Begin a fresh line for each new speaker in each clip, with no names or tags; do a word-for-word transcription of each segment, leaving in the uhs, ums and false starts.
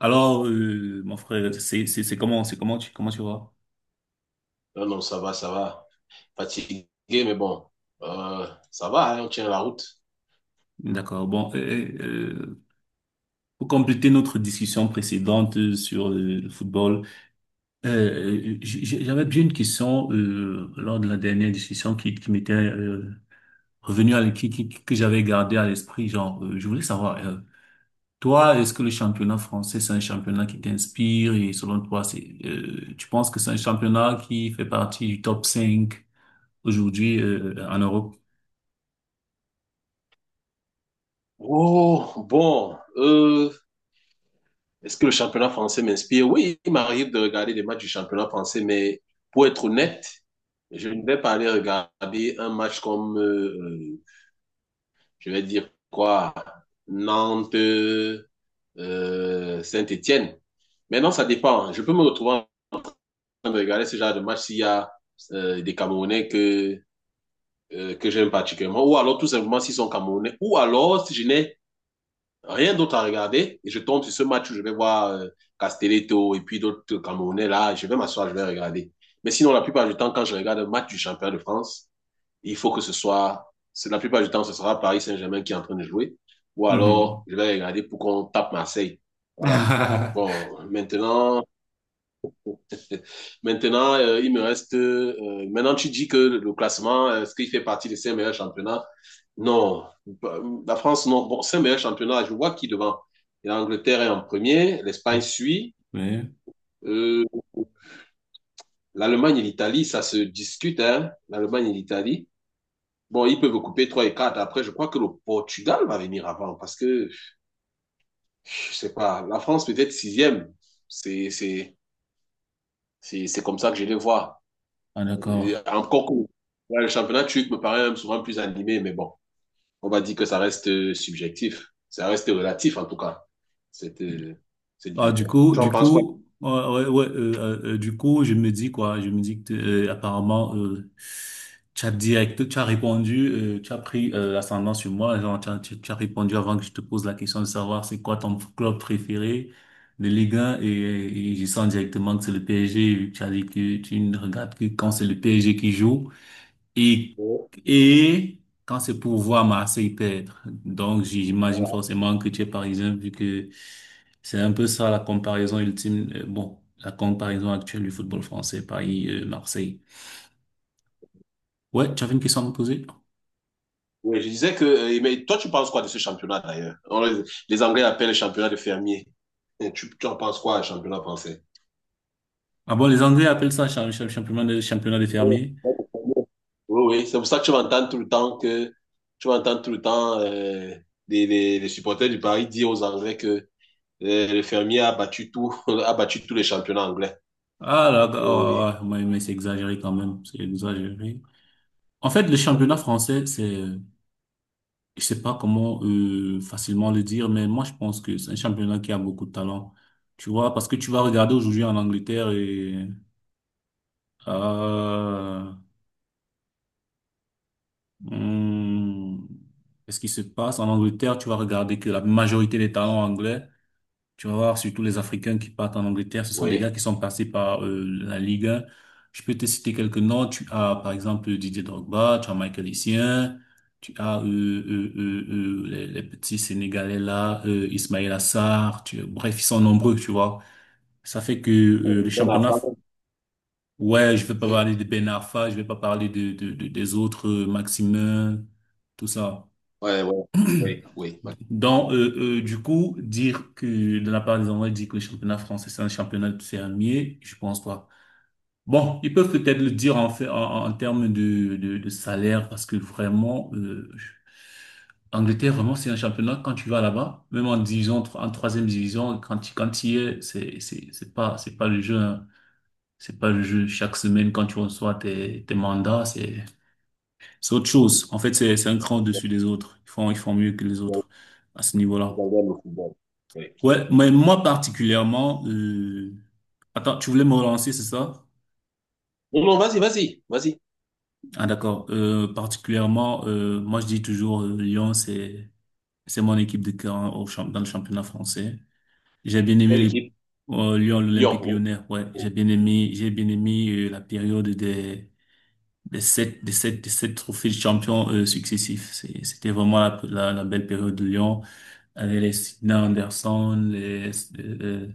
Alors, euh, mon frère, c'est c'est c'est comment c'est comment tu comment tu vois?
Non, non, ça va, ça va. Fatigué, mais bon, euh, ça va, hein, on tient la route.
D'accord. Bon, euh, euh, pour compléter notre discussion précédente euh, sur euh, le football, euh, euh, j- j- j'avais bien une question euh, lors de la dernière discussion qui qui m'était euh, revenue à l- qui, qui- que j'avais gardée à l'esprit. Genre, euh, je voulais savoir, euh, toi, est-ce que le championnat français c'est un championnat qui t'inspire et selon toi, c'est euh, tu penses que c'est un championnat qui fait partie du top cinq aujourd'hui euh, en Europe?
Oh, bon, euh, est-ce que le championnat français m'inspire? Oui, il m'arrive de regarder des matchs du championnat français, mais pour être honnête, je ne vais pas aller regarder un match comme, euh, euh, je vais dire quoi, Nantes, euh, Saint-Étienne. Maintenant, ça dépend. Je peux me retrouver en train de regarder ce genre de match s'il y a euh, des Camerounais que euh, que j'aime particulièrement, ou alors tout simplement s'ils sont camerounais, ou alors si je n'ai rien d'autre à regarder et je tombe sur ce match où je vais voir euh, Castelletto et puis d'autres camerounais là, je vais m'asseoir, je vais regarder. Mais sinon, la plupart du temps, quand je regarde un match du championnat de France, il faut que ce soit, c'est- la plupart du temps, ce sera Paris Saint-Germain qui est en train de jouer, ou alors je vais regarder pour qu'on tape Marseille. Voilà.
Ah.
Bon, maintenant, maintenant, euh, il me reste. euh, euh, maintenant, tu dis que le classement, euh, est-ce qu'il fait partie des cinq meilleurs championnats? Non, bah, la France, non. Bon, c'est un meilleur championnat. Je vois qui devant. Et l'Angleterre est en premier, l'Espagne suit.
Oui,
Euh, L'Allemagne et l'Italie, ça se discute, hein. L'Allemagne et l'Italie. Bon, ils peuvent couper trois et quatre. Après, je crois que le Portugal va venir avant parce que, je sais pas, la France peut-être sixième. C'est, c'est, c'est, c'est comme ça que je les vois.
ah,
Et
d'accord.
encore que ouais, le championnat turc me paraît souvent plus animé, mais bon, on va dire que ça reste euh, subjectif. Ça reste relatif, en tout cas, cette, euh, cette
Ah, du
vision.
coup,
Tu en
du
penses quoi?
coup, ouais, ouais, ouais, euh, euh, euh, du coup, je me dis quoi? Je me dis que t'es- euh, apparemment, euh, tu as direct, tu as répondu, euh, tu as pris euh, l'ascendant sur moi. Genre, tu as, tu- tu as répondu avant que je te pose la question de savoir c'est quoi ton club préféré de Ligue un et, et je sens directement que c'est le P S G, vu que tu as dit que tu ne regardes que quand c'est le P S G qui joue. Et, et quand c'est pour voir Marseille perdre, donc j'imagine
Voilà.
forcément que tu es parisien vu que c'est un peu ça la comparaison ultime, euh, bon, la comparaison actuelle du football français, Paris-Marseille. Ouais, tu avais une question à me poser?
Oui, je disais que, euh, mais toi, tu penses quoi de ce championnat d'ailleurs? On le- Les Anglais appellent le championnat de fermier. Et Tu, tu en penses quoi, le championnat français?
Ah bon, les Anglais appellent ça cha- cha- championnat de, championnat des fermiers.
Oui, oui, c'est pour ça que tu vas entendre tout le temps que tu vas entendre tout le temps euh, les, les- les supporters du Paris dire aux Anglais que euh, le fermier a battu tout, a battu tous les championnats anglais.
Ah là,
Oui,
oh, ouais, ouais, mais c'est exagéré quand même, c'est exagéré. En fait, le championnat français, c'est... euh, je sais pas comment euh, facilement le dire, mais moi je pense que c'est un championnat qui a beaucoup de talent. Tu vois, parce que tu vas regarder aujourd'hui en Angleterre et euh, hmm, ce qui se passe en Angleterre, tu vas regarder que la majorité des talents anglais. Tu vas voir, surtout les Africains qui partent en Angleterre, ce sont des
oui.
gars qui sont passés par euh, la Ligue un. Je peux te citer quelques noms. Tu as, par exemple, Didier Drogba, tu as Michael Essien, tu as euh, euh, euh, euh, les, les petits Sénégalais là, euh, Ismaël Assar, tu- bref, ils sont nombreux, tu vois. Ça fait que euh, le
Une bonne
championnat,
affaire.
ouais, je vais pas
Oui.
parler de Ben Arfa, je vais pas parler de, de, de- des autres, euh, Maximin, tout ça.
Ouais, ouais, oui, oui, parce
Donc, euh, euh, du coup, dire que de la part des Anglais, dire que le championnat français, c'est un championnat fermier, je pense pas. Bon, ils peuvent peut-être le dire en fait, en, en termes de, de, de salaire, parce que vraiment, euh, je- Angleterre, vraiment, c'est un championnat, quand tu vas là-bas, même en division, tro- en troisième division, quand tu, quand tu y es, c'est, c'est, c'est pas, c'est pas le jeu, hein. C'est pas le jeu. Chaque semaine, quand tu reçois tes, tes mandats, c'est, c'est autre chose. En fait, c'est, c'est un cran
que
au-dessus des autres. Ils font, ils font mieux que les autres à ce
je
niveau-là.
regarde le football. Oui.
Ouais, mais moi particulièrement, euh, attends, tu voulais me relancer, c'est ça?
Non, non, vas-y, vas-y, vas-y.
Ah d'accord. Euh, particulièrement, euh, moi je dis toujours euh, Lyon, c'est c'est mon équipe de cœur hein, au champ- dans le championnat français. J'ai bien aimé
Quelle
les,
équipe?
euh, Lyon,
Lyon.
l'Olympique
Vous,
Lyonnais. Ouais, j'ai bien aimé, j'ai bien aimé euh, la période des des sept des sept des sept trophées de champion euh, successifs. C'est- C'était vraiment la, la la belle période de Lyon avec les Sina Anderson, les euh,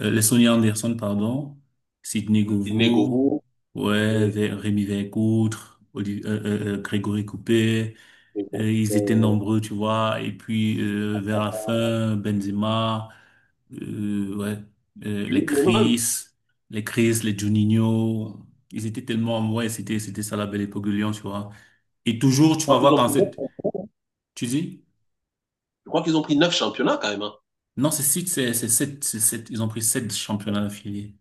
Euh, les Sonny Anderson, pardon, Sidney
Sydney,
Govou, ouais, Vé- Rémi Vercouttre, Oli- euh, euh, euh, Grégory Coupé, euh, ils étaient
euh,
nombreux, tu vois, et puis euh, vers la fin, Benzema, euh, ouais, euh, les
Union
Chris,
Berlin.
les Chris, les Juninho, ils étaient tellement, ouais, c'était, c'était ça la belle époque de Lyon, tu vois. Et toujours,
Je
tu vas
crois qu'ils
voir
ont
quand
pris
cette,
neuf,
tu dis,
je crois qu'ils ont pris neuf championnats quand même, hein.
non, c'est six, c'est c'est sept, c'est sept, ils ont pris sept championnats affiliés.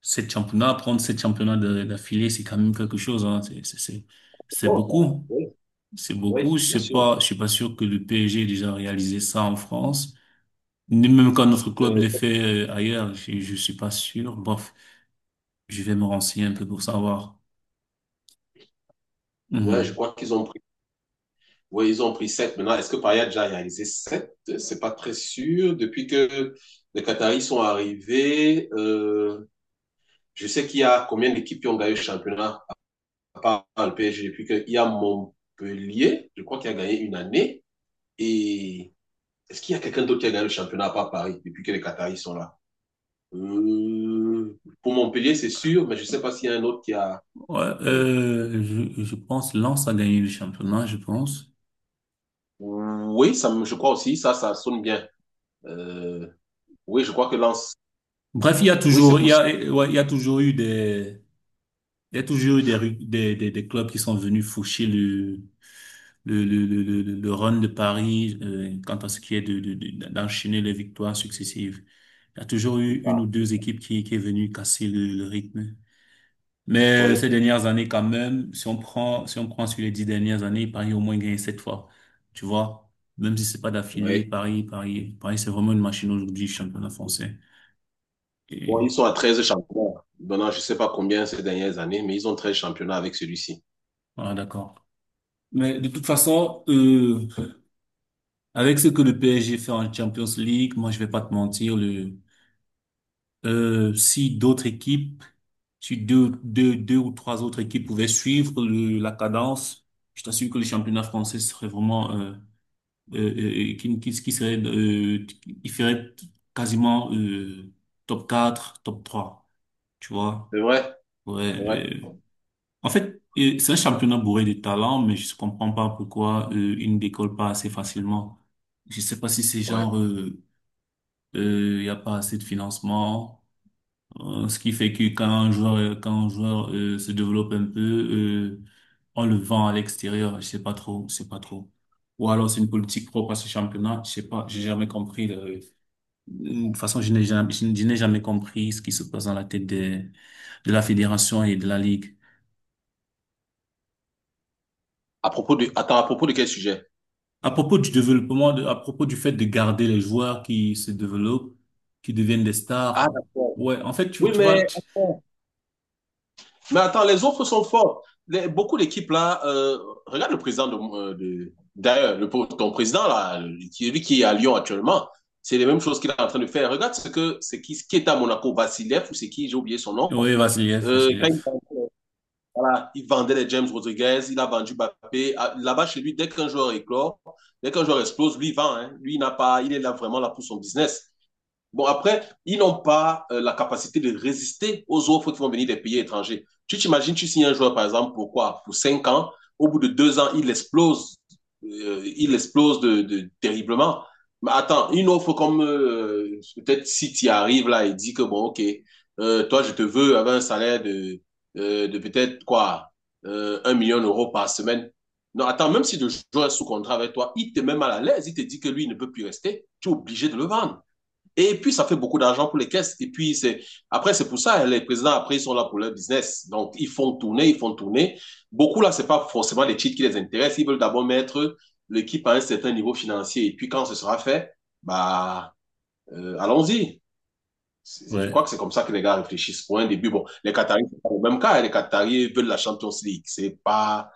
Sept championnats, prendre sept championnats de- d'affilée, c'est quand même quelque chose, hein. C'est, c'est, c'est c'est beaucoup. C'est beaucoup. Je
Bien
sais
sûr.
pas, je suis pas sûr que le P S G ait déjà réalisé ça en France. Ni même quand notre club l'ait
que-
fait euh, ailleurs, je, je suis pas sûr. Bref, je vais me renseigner un peu pour savoir.
ouais, je
Mhm.
crois qu'ils ont pris. Ouais, ils ont pris sept. Maintenant, est-ce que Paris a déjà réalisé sept? C'est pas très sûr. Depuis que les Qataris sont arrivés, euh, je sais qu'il y a combien d'équipes qui ont gagné le championnat? Pas le P S G. Depuis qu'il y a Montpellier, je crois qu'il a gagné une année. Et est-ce qu'il y a quelqu'un d'autre qui a gagné le championnat à part Paris depuis que les Qataris sont là euh, Pour Montpellier, c'est sûr, mais je ne sais pas s'il y a un autre qui a.
Ouais,
Oui,
euh, je, je pense Lens a gagné le championnat, je pense.
oui ça, je crois aussi, ça, ça sonne bien. Euh, oui, je crois que Lens.
Bref, il y a
Oui, c'est
toujours, il y a,
possible.
ouais, il y a toujours eu des, Il y a toujours eu des, ru- des, des, des clubs qui sont venus faucher le, le, le, le, le, le- le run de Paris euh, quant à ce qui est de, de, de- d'enchaîner les victoires successives. Il y a toujours
C'est
eu une ou
ça.
deux équipes qui, qui est venue casser le, le rythme. Mais euh,
Oui.
ces dernières années, quand même, si on prend, si on prend sur les dix dernières années, Paris a au moins gagné sept fois. Tu vois? Même si c'est pas d'affilée,
Oui.
Paris, Paris, Paris, c'est vraiment une machine aujourd'hui, championnat français.
Bon, ils
Et
sont à treize championnats. Maintenant, je ne sais pas combien ces dernières années, mais ils ont treize championnats avec celui-ci.
voilà, d'accord. Mais de toute façon, euh, avec ce que le P S G fait en Champions League, moi, je vais pas te mentir, le, euh, si d'autres équipes, si deux, deux, deux ou trois autres équipes pouvaient suivre le, la cadence, je t'assure que le championnat français serait vraiment, euh, euh, euh, euh, qui, qui, qui serait, euh, il ferait quasiment, euh, top quatre, top trois, tu vois?
C'est vrai,
Ouais,
c'est vrai.
euh, en fait, euh, c'est un championnat bourré de talents, mais je ne comprends pas pourquoi, euh, il ne décolle pas assez facilement. Je sais pas si c'est
Ouais.
genre, euh, il n'y a pas assez de financement, euh, ce qui fait que quand un joueur, euh, quand un joueur euh, se développe un peu, euh, on le vend à l'extérieur, je sais pas trop, je sais pas trop. Ou alors c'est une politique propre à ce championnat, je sais pas, j'ai jamais compris. le- De toute façon, je n'ai jamais, je n'ai jamais compris ce qui se passe dans la tête des, de la fédération et de la ligue.
À propos de... Attends, à propos de quel sujet?
À propos du développement, de- à propos du fait de garder les joueurs qui se développent, qui deviennent des
Ah,
stars.
d'accord.
Ouais, en fait, tu,
Oui,
tu
mais...
vois, tu...
Mais attends, les offres sont fortes. Les- beaucoup d'équipes là, euh, regarde le président de, euh, de- d'ailleurs, le, ton président là, qui- lui qui est à Lyon actuellement, c'est les mêmes choses qu'il est en train de faire. Regarde ce que c'est qui, qui est à Monaco, Vassilev ou c'est qui, j'ai oublié son nom.
Ouais, Vassiliev,
Euh, quand il,
Vassiliev.
vendait, voilà, il vendait les James Rodriguez, il a vendu Mbappé. Ah, là-bas chez lui, dès qu'un joueur éclore, dès qu'un joueur explose, lui il vend, hein. Lui il n'a pas, il est là vraiment là pour son business. Bon, après, ils n'ont pas euh, la capacité de résister aux offres qui vont venir des pays étrangers. Tu t'imagines, tu signes un joueur, par exemple, pour quoi? Pour cinq ans. Au bout de deux ans, il explose. Euh, il explose de, de- terriblement. Mais attends, une offre comme euh, peut-être si tu arrives là et dis que bon, ok, euh, toi, je te veux avec un salaire de, euh, de peut-être quoi? Euh, un million d'euros par semaine. Non, attends, même si le joueur est sous contrat avec toi, il te met mal à l'aise. Il te dit que lui, il ne peut plus rester. Tu es obligé de le vendre. Et puis, ça fait beaucoup d'argent pour les caisses. Et puis, c'est, après, c'est pour ça, les présidents, après, ils sont là pour leur business. Donc, ils font tourner, ils font tourner. Beaucoup, là, c'est pas forcément les titres qui les intéressent. Ils veulent d'abord mettre l'équipe à un certain niveau financier. Et puis, quand ce sera fait, bah, euh, allons-y. Je
Ouais.
crois que c'est comme ça que les gars réfléchissent. Pour un début, bon, les Qataris, c'est pas le même cas. Les Qataris veulent la Champions League. C'est pas,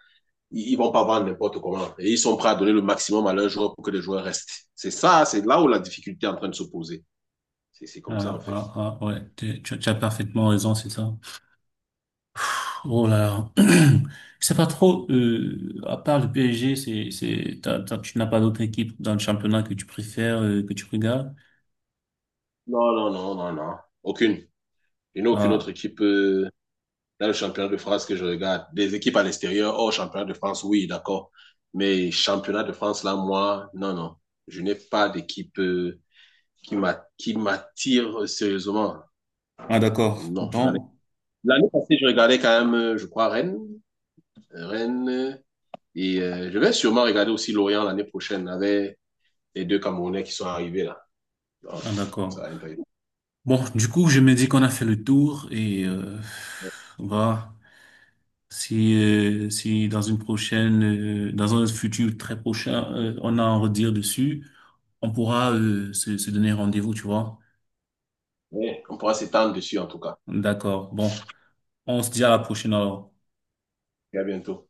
ils vont pas vendre n'importe comment. Et ils sont prêts à donner le maximum à leurs joueurs pour que les joueurs restent. C'est ça, c'est là où la difficulté est en train de se poser. C'est comme ça, en
Ah,
fait.
ah, ah, ouais, tu, tu- tu as parfaitement raison, c'est ça. Oh là là. Je sais pas trop, euh, à part le P S G, c'est, c'est, t'as- t'as- tu n'as pas d'autre équipe dans le championnat que tu préfères, euh, que tu regardes?
Non, non, non, non, non. Aucune. Il n'y a aucune autre
Ah,
équipe euh, dans le championnat de France que je regarde. Des équipes à l'extérieur, hors championnat de France, oui, d'accord. Mais championnat de France, là, moi, non, non. Je n'ai pas d'équipe euh, qui m'a- qui m'attire sérieusement.
ah d'accord.
Non, je n'en ai-
Bon,
L'année passée, je regardais quand même, euh, je crois, Rennes. Rennes, euh, et euh, je vais sûrement regarder aussi Lorient l'année prochaine avec les deux Camerounais qui sont arrivés là. Donc,
ah
ça
d'accord.
va être...
Bon, du coup, je me dis qu'on a fait le tour et euh, voilà. Si, euh, si dans une prochaine, euh, dans un futur très prochain, euh, on a à en redire dessus, on pourra euh, se, se donner rendez-vous, tu vois.
on pourra s'étendre dessus en tout cas.
D'accord. Bon. On se dit à la prochaine alors.
Et à bientôt.